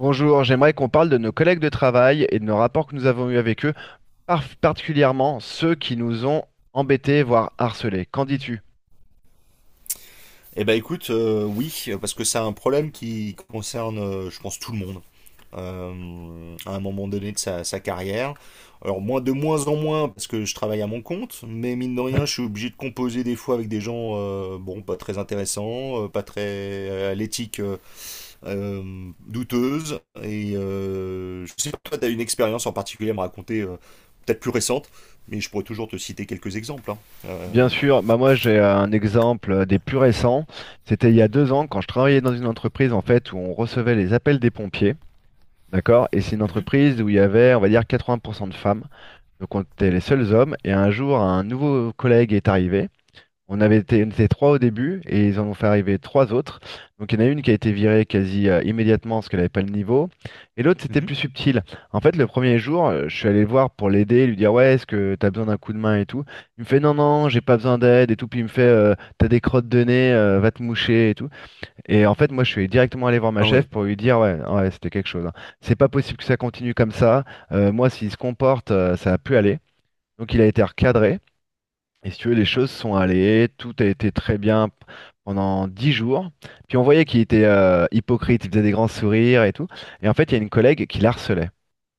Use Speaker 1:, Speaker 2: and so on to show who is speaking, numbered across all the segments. Speaker 1: Bonjour, j'aimerais qu'on parle de nos collègues de travail et de nos rapports que nous avons eus avec eux, particulièrement ceux qui nous ont embêtés, voire harcelés. Qu'en dis-tu?
Speaker 2: Eh ben écoute, oui, parce que c'est un problème qui concerne, je pense, tout le monde à un moment donné de sa carrière. Alors moi, de moins en moins, parce que je travaille à mon compte, mais mine de rien, je suis obligé de composer des fois avec des gens, bon, pas très intéressants, pas très à l'éthique douteuse. Et je sais pas, toi, t'as une expérience en particulier à me raconter, peut-être plus récente, mais je pourrais toujours te citer quelques exemples, hein. Euh,
Speaker 1: Bien sûr, bah moi j'ai un exemple des plus récents. C'était il y a 2 ans quand je travaillais dans une entreprise en fait où on recevait les appels des pompiers, d'accord? Et c'est une
Speaker 2: Mhm,
Speaker 1: entreprise où il y avait, on va dire, 80% de femmes. Donc on était les seuls hommes. Et un jour, un nouveau collègue est arrivé. On était trois au début et ils en ont fait arriver trois autres. Donc il y en a une qui a été virée quasi immédiatement parce qu'elle n'avait pas le niveau. Et l'autre, c'était
Speaker 2: mhm.
Speaker 1: plus subtil. En fait, le premier jour, je suis allé le voir pour l'aider, lui dire, ouais, est-ce que t'as besoin d'un coup de main et tout. Il me fait, non, non, j'ai pas besoin d'aide et tout. Puis il me fait, t'as des crottes de nez, va te moucher et tout. Et en fait, moi, je suis directement allé voir ma
Speaker 2: Ah
Speaker 1: chef
Speaker 2: ouais.
Speaker 1: pour lui dire, ouais, ouais, c'était quelque chose, hein. C'est pas possible que ça continue comme ça. Moi, s'il se comporte, ça a pu aller. Donc il a été recadré. Et si tu veux, les choses sont allées, tout a été très bien pendant 10 jours. Puis on voyait qu'il était hypocrite, il faisait des grands sourires et tout. Et en fait, il y a une collègue qui l'harcelait.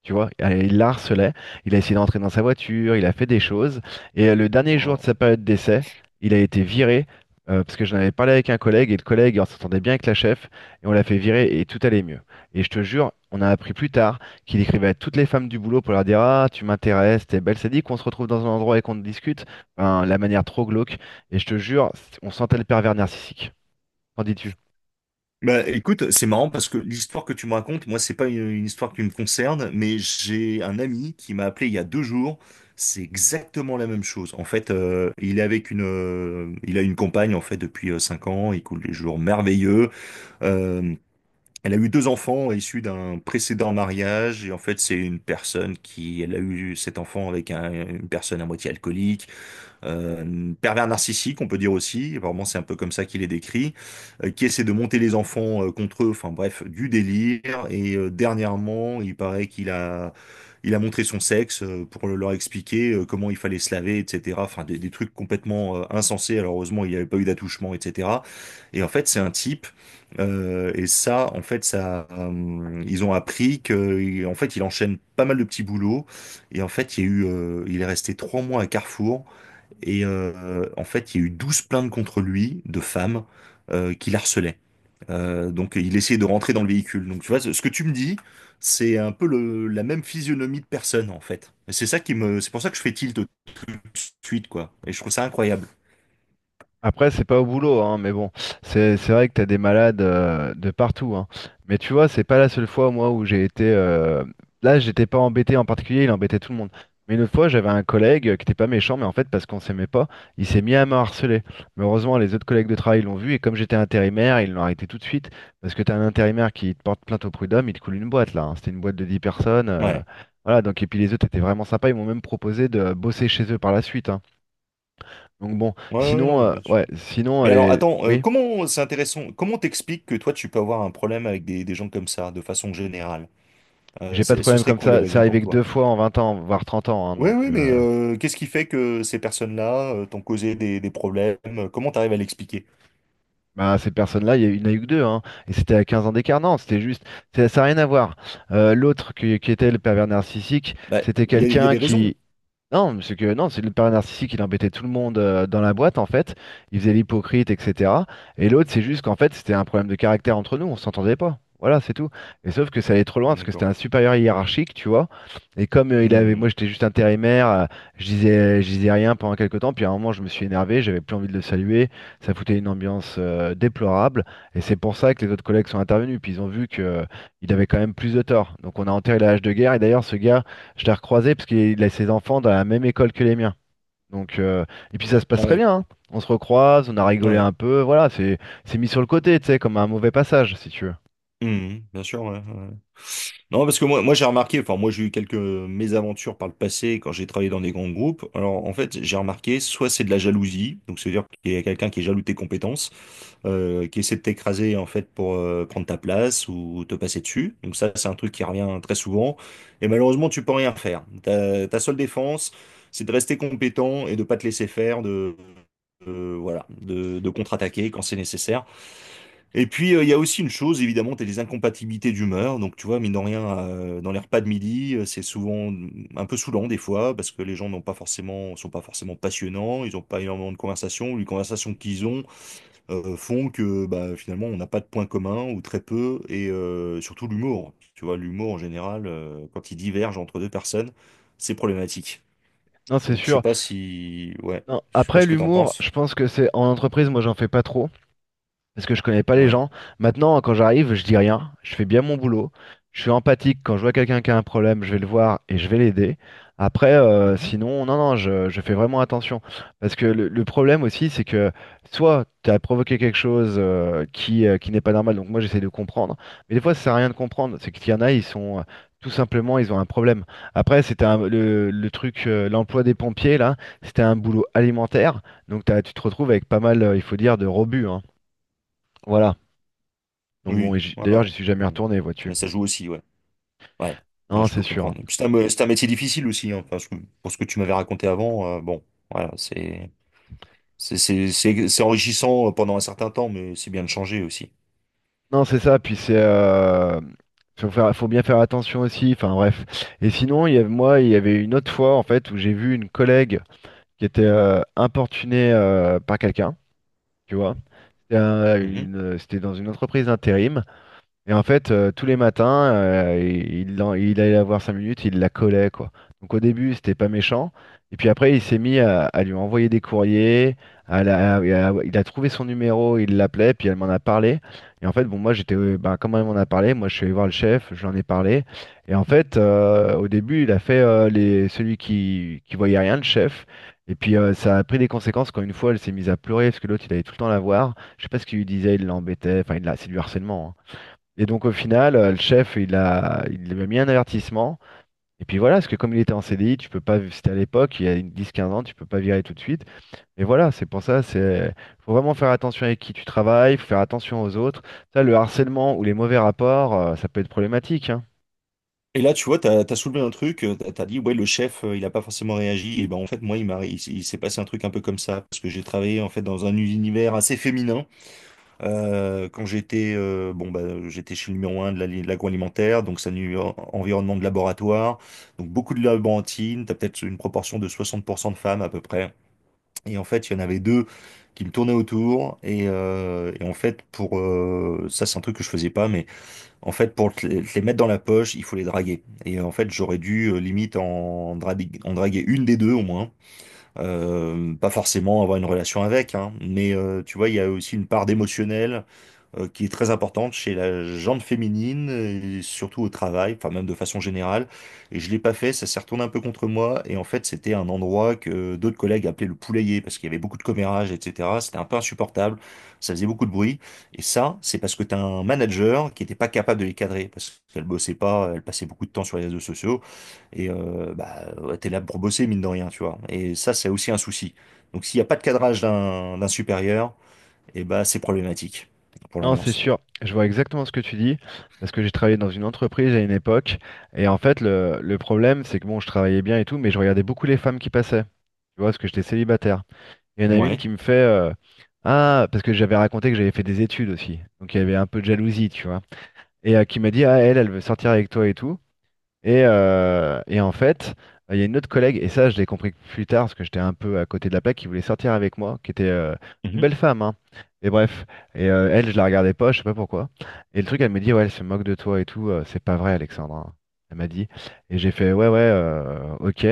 Speaker 1: Tu vois. Il la harcelait, il a essayé d'entrer dans sa voiture, il a fait des choses. Et le dernier jour de sa période d'essai, il a été viré, parce que j'en avais parlé avec un collègue, et le collègue, on s'entendait bien avec la chef, et on l'a fait virer, et tout allait mieux. Et je te jure, on a appris plus tard qu'il écrivait à toutes les femmes du boulot pour leur dire, Ah, tu m'intéresses, t'es belle, c'est dit qu'on se retrouve dans un endroit et qu'on discute. Enfin, la manière trop glauque. Et je te jure, on sentait le pervers narcissique. Qu'en dis-tu?
Speaker 2: Bah, écoute, c'est marrant parce que l'histoire que tu me racontes, moi, c'est pas une histoire qui me concerne, mais j'ai un ami qui m'a appelé il y a 2 jours. C'est exactement la même chose. En fait, il est avec il a une compagne en fait depuis 5 ans. Il coule des jours merveilleux. Euh, Elle a eu deux enfants issus d'un précédent mariage et en fait, c'est une personne qui, elle a eu cet enfant avec une personne à moitié alcoolique, pervers narcissique, on peut dire aussi, vraiment c'est un peu comme ça qu'il est décrit, qui essaie de monter les enfants contre eux, enfin bref, du délire. Et dernièrement, il paraît qu'il a montré son sexe pour leur expliquer comment il fallait se laver, etc. Enfin des trucs complètement insensés. Alors heureusement, il n'y avait pas eu d'attouchement, etc. Et en fait, c'est un type. Et ça, en fait, ça, ils ont appris que, en fait, il enchaîne pas mal de petits boulots. Et en fait, il y a eu, il est resté 3 mois à Carrefour et en fait, il y a eu 12 plaintes contre lui de femmes qui l'harcelaient. Donc, il essayait de rentrer dans le véhicule. Donc, tu vois, ce que tu me dis, c'est un peu la même physionomie de personne, en fait. Et c'est ça qui me, c'est pour ça que je fais tilt tout de suite, quoi. Et je trouve ça incroyable.
Speaker 1: Après, c'est pas au boulot, hein, mais bon, c'est vrai que t'as des malades de partout, hein. Mais tu vois, c'est pas la seule fois, moi, où j'ai été. Là, j'étais pas embêté en particulier, il embêtait tout le monde. Mais une autre fois, j'avais un collègue qui était pas méchant, mais en fait, parce qu'on s'aimait pas, il s'est mis à me harceler. Mais heureusement, les autres collègues de travail l'ont vu, et comme j'étais intérimaire, ils l'ont arrêté tout de suite. Parce que t'as un intérimaire qui te porte plainte au prud'homme, il te coule une boîte, là, hein. C'était une boîte de 10 personnes.
Speaker 2: Ouais.
Speaker 1: Voilà, donc, et puis les autres étaient vraiment sympas, ils m'ont même proposé de bosser chez eux par la suite, hein. Donc bon,
Speaker 2: Ouais, ouais, non,
Speaker 1: sinon,
Speaker 2: mais bien sûr.
Speaker 1: ouais, sinon,
Speaker 2: Mais
Speaker 1: elle
Speaker 2: alors,
Speaker 1: est...
Speaker 2: attends,
Speaker 1: Oui,
Speaker 2: comment, c'est intéressant, comment t'expliques que toi, tu peux avoir un problème avec des gens comme ça, de façon générale?
Speaker 1: j'ai pas de
Speaker 2: Ce
Speaker 1: problème
Speaker 2: serait
Speaker 1: comme
Speaker 2: quoi les
Speaker 1: ça. C'est
Speaker 2: raisons pour
Speaker 1: arrivé que
Speaker 2: toi?
Speaker 1: deux fois en 20 ans, voire 30 ans, hein,
Speaker 2: Oui,
Speaker 1: donc,
Speaker 2: oui, mais qu'est-ce qui fait que ces personnes-là t'ont causé des problèmes? Comment t'arrives à l'expliquer?
Speaker 1: bah, ces personnes-là, il n'y en a eu que deux, hein, et c'était à 15 ans d'écart. Non, c'était juste. Ça n'a rien à voir. L'autre qui était le pervers narcissique,
Speaker 2: Bah,
Speaker 1: c'était
Speaker 2: il y a
Speaker 1: quelqu'un
Speaker 2: des raisons.
Speaker 1: qui, Non, mais c'est que non, c'est le père narcissique, il embêtait tout le monde dans la boîte en fait, il faisait l'hypocrite, etc. Et l'autre, c'est juste qu'en fait, c'était un problème de caractère entre nous, on s'entendait pas. Voilà, c'est tout. Et sauf que ça allait trop loin parce que c'était un
Speaker 2: D'accord.
Speaker 1: supérieur hiérarchique, tu vois. Et comme il avait,
Speaker 2: Hmm.
Speaker 1: moi j'étais juste intérimaire, je disais rien pendant quelques temps. Puis à un moment, je me suis énervé, j'avais plus envie de le saluer. Ça foutait une ambiance déplorable. Et c'est pour ça que les autres collègues sont intervenus. Puis ils ont vu que il avait quand même plus de tort. Donc on a enterré la hache de guerre. Et d'ailleurs, ce gars je l'ai recroisé parce qu'il a ses enfants dans la même école que les miens. Donc, et puis ça se passe très
Speaker 2: Ouais.
Speaker 1: bien, hein. On se recroise, on a rigolé
Speaker 2: Ouais.
Speaker 1: un peu. Voilà, c'est mis sur le côté, tu sais, comme un mauvais passage, si tu veux.
Speaker 2: Hmm. Bien sûr, ouais. Ouais. Non, parce que moi j'ai remarqué, enfin moi j'ai eu quelques mésaventures par le passé quand j'ai travaillé dans des grands groupes. Alors en fait j'ai remarqué, soit c'est de la jalousie, donc c'est-à-dire qu'il y a quelqu'un qui est jaloux de tes compétences, qui essaie de t'écraser en fait pour prendre ta place ou te passer dessus. Donc ça c'est un truc qui revient très souvent. Et malheureusement tu peux rien faire. Ta seule défense, c'est de rester compétent et de pas te laisser faire, voilà, de contre-attaquer quand c'est nécessaire. Et puis, il y a aussi une chose, évidemment, tu as les incompatibilités d'humeur. Donc, tu vois, mine de rien, dans les repas de midi, c'est souvent un peu saoulant des fois, parce que les gens n'ont pas forcément, sont pas forcément passionnants, ils n'ont pas énormément de conversations, ou les conversations qu'ils ont font que bah, finalement, on n'a pas de points communs, ou très peu, et surtout l'humour. Tu vois, l'humour, en général, quand il diverge entre deux personnes, c'est problématique.
Speaker 1: Non, c'est
Speaker 2: Donc, je sais
Speaker 1: sûr.
Speaker 2: pas si... Ouais,
Speaker 1: Non,
Speaker 2: je sais pas
Speaker 1: après,
Speaker 2: ce que t'en
Speaker 1: l'humour,
Speaker 2: penses.
Speaker 1: je pense que c'est en entreprise, moi, j'en fais pas trop. Parce que je connais pas les
Speaker 2: Ouais.
Speaker 1: gens. Maintenant, quand j'arrive, je dis rien, je fais bien mon boulot, je suis empathique. Quand je vois quelqu'un qui a un problème, je vais le voir et je vais l'aider. Après,
Speaker 2: Mhm.
Speaker 1: sinon, non, non, je fais vraiment attention. Parce que le problème aussi, c'est que soit tu as provoqué quelque chose qui n'est pas normal, donc moi j'essaie de comprendre. Mais des fois, ça sert à rien de comprendre. C'est qu'il y en a, ils sont tout simplement, ils ont un problème. Après, c'était le truc, l'emploi des pompiers, là, c'était un boulot alimentaire. Donc tu te retrouves avec pas mal, il faut dire, de robus, hein. Voilà. Donc
Speaker 2: Oui,
Speaker 1: bon, et
Speaker 2: ouais.
Speaker 1: d'ailleurs,
Speaker 2: Ouais.
Speaker 1: j'y suis jamais
Speaker 2: Mm.
Speaker 1: retourné, vois-tu.
Speaker 2: Mais ça joue aussi, ouais. Ouais, ouais,
Speaker 1: Non,
Speaker 2: je peux
Speaker 1: c'est sûr, hein.
Speaker 2: comprendre. Et puis c'est un métier difficile aussi, hein. Enfin, pour ce que tu m'avais raconté avant, bon, voilà, c'est enrichissant pendant un certain temps, mais c'est bien de changer aussi.
Speaker 1: Non, c'est ça. Puis c'est, faut faire, faut bien faire attention aussi. Enfin bref. Et sinon, il y avait, moi, il y avait une autre fois en fait où j'ai vu une collègue qui était importunée par quelqu'un. Tu vois. C'était
Speaker 2: Mhm.
Speaker 1: c'était dans une entreprise d'intérim. Et en fait, tous les matins, il allait la voir 5 minutes, il la collait, quoi. Donc au début, c'était pas méchant. Et puis après, il s'est mis à lui envoyer des courriers. À la- à- il a trouvé son numéro, il l'appelait, puis elle m'en a parlé. Et en fait, bon, moi, j'étais, ben, comment elle m'en a parlé, moi, je suis allé voir le chef, je lui en ai parlé. Et en fait, au début, il a fait les, celui qui voyait rien, le chef. Et puis ça a pris des conséquences quand une fois, elle s'est mise à pleurer parce que l'autre, il allait tout le temps la voir. Je sais pas ce qu'il lui disait, il l'embêtait. Enfin, c'est du harcèlement, hein. Et donc au final, le chef, il lui a mis un avertissement. Et puis voilà, parce que comme il était en CDI, tu peux pas, c'était à l'époque, il y a une 10-15 ans, tu peux pas virer tout de suite. Et voilà, c'est pour ça, c'est, faut vraiment faire attention avec qui tu travailles, faut faire attention aux autres. Ça, le harcèlement ou les mauvais rapports, ça peut être problématique, hein.
Speaker 2: Et là, tu vois, t'as soulevé un truc, t'as dit, ouais, le chef, il a pas forcément réagi. Et ben, en fait, moi, il s'est passé un truc un peu comme ça, parce que j'ai travaillé, en fait, dans un univers assez féminin. Quand j'étais bon bah, j'étais chez le numéro un de l'agroalimentaire, donc c'est un environnement de laboratoire, donc beaucoup de laborantines, t'as peut-être une proportion de 60 % de femmes à peu près. Et en fait, il y en avait deux qui me tournaient autour. Et en fait, pour ça, c'est un truc que je faisais pas, mais en fait, pour te les mettre dans la poche, il faut les draguer. Et en fait, j'aurais dû limite en draguer une des deux au moins. Pas forcément avoir une relation avec, hein, mais tu vois, il y a aussi une part d'émotionnel qui est très importante chez la gente féminine, et surtout au travail, enfin même de façon générale. Et je l'ai pas fait, ça s'est retourné un peu contre moi. Et en fait, c'était un endroit que d'autres collègues appelaient le poulailler parce qu'il y avait beaucoup de commérages, etc. C'était un peu insupportable, ça faisait beaucoup de bruit. Et ça, c'est parce que tu as un manager qui n'était pas capable de les cadrer parce qu'elle bossait pas, elle passait beaucoup de temps sur les réseaux sociaux. Et bah, ouais, t'es là pour bosser, mine de rien, tu vois. Et ça, c'est aussi un souci. Donc, s'il n'y a pas de cadrage d'un supérieur, et bah c'est problématique pour
Speaker 1: Non, c'est
Speaker 2: l'ambiance.
Speaker 1: sûr, je vois exactement ce que tu dis, parce que j'ai travaillé dans une entreprise à une époque, et en fait, le problème, c'est que bon, je travaillais bien et tout, mais je regardais beaucoup les femmes qui passaient, tu vois, parce que j'étais célibataire. Il y en a une
Speaker 2: Ouais.
Speaker 1: qui me fait Ah, parce que j'avais raconté que j'avais fait des études aussi. Donc il y avait un peu de jalousie, tu vois. Et qui m'a dit Ah, elle, elle veut sortir avec toi et tout. Et en fait, il y a une autre collègue, et ça, je l'ai compris plus tard, parce que j'étais un peu à côté de la plaque, qui voulait sortir avec moi, qui était une
Speaker 2: Mhm.
Speaker 1: belle femme, hein. Et bref. Et elle, je la regardais pas, je sais pas pourquoi. Et le truc, elle me dit Ouais, elle se moque de toi et tout. C'est pas vrai, Alexandre, hein. Elle m'a dit. Et j'ai fait Ouais, ouais, ok.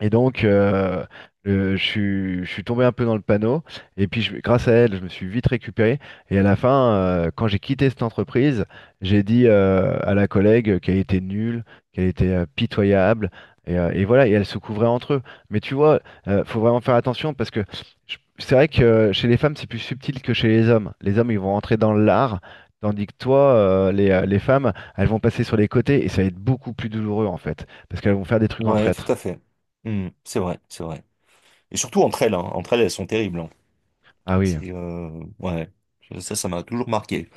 Speaker 1: Et donc, je suis tombé un peu dans le panneau. Et puis, grâce à elle, je me suis vite récupéré. Et à la fin, quand j'ai quitté cette entreprise, j'ai dit à la collègue qu'elle était nulle, qu'elle était pitoyable. Et voilà, et elles se couvraient entre eux. Mais tu vois, faut vraiment faire attention parce que c'est vrai que chez les femmes, c'est plus subtil que chez les hommes. Les hommes, ils vont rentrer dans l'art, tandis que toi, les femmes, elles vont passer sur les côtés et ça va être beaucoup plus douloureux en fait, parce qu'elles vont faire des trucs en
Speaker 2: Ouais, tout
Speaker 1: traître.
Speaker 2: à fait. Hmm, c'est vrai, c'est vrai. Et surtout entre elles, hein. Entre elles, elles sont terribles, hein.
Speaker 1: Ah oui.
Speaker 2: C'est ouais, ça m'a toujours marqué.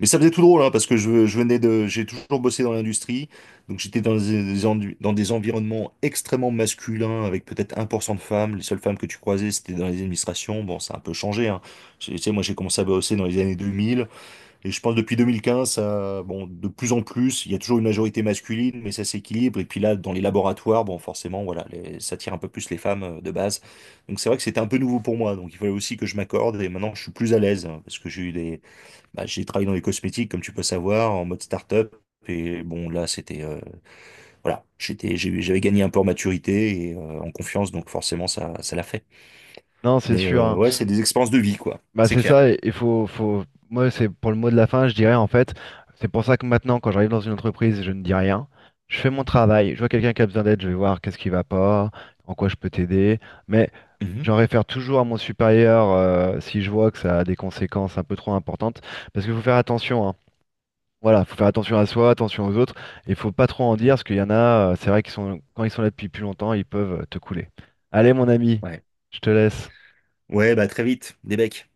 Speaker 2: Mais ça faisait tout drôle, hein, parce que je venais de, j'ai toujours bossé dans l'industrie, donc j'étais dans des environnements extrêmement masculins, avec peut-être 1 % de femmes. Les seules femmes que tu croisais, c'était dans les administrations. Bon, ça a un peu changé, hein. Tu sais, moi, j'ai commencé à bosser dans les années 2000. Et je pense depuis 2015, ça, bon, de plus en plus, il y a toujours une majorité masculine, mais ça s'équilibre. Et puis là, dans les laboratoires, bon, forcément, voilà, ça tire un peu plus les femmes de base. Donc c'est vrai que c'était un peu nouveau pour moi. Donc il fallait aussi que je m'accorde. Et maintenant, je suis plus à l'aise hein, parce que j'ai eu bah, j'ai travaillé dans les cosmétiques, comme tu peux savoir, en mode start-up. Et bon, là, c'était, voilà, j'avais gagné un peu en maturité et en confiance. Donc forcément, ça l'a fait.
Speaker 1: Non, c'est
Speaker 2: Mais
Speaker 1: sûr, hein.
Speaker 2: ouais, c'est des expériences de vie, quoi.
Speaker 1: Bah,
Speaker 2: C'est
Speaker 1: c'est
Speaker 2: clair.
Speaker 1: ça. Et il faut, faut... Moi, c'est pour le mot de la fin, je dirais en fait. C'est pour ça que maintenant, quand j'arrive dans une entreprise, je ne dis rien. Je fais mon travail. Je vois quelqu'un qui a besoin d'aide, je vais voir qu'est-ce qui va pas, en quoi je peux t'aider. Mais
Speaker 2: Mhm.
Speaker 1: j'en réfère toujours à mon supérieur si je vois que ça a des conséquences un peu trop importantes. Parce qu'il faut faire attention. Hein. Voilà, faut faire attention à soi, attention aux autres. Et il faut pas trop en dire, parce qu'il y en a, c'est vrai qu'ils sont, quand ils sont là depuis plus longtemps, ils peuvent te couler. Allez, mon ami,
Speaker 2: Ouais.
Speaker 1: je te laisse.
Speaker 2: Ouais, bah très vite, des becs.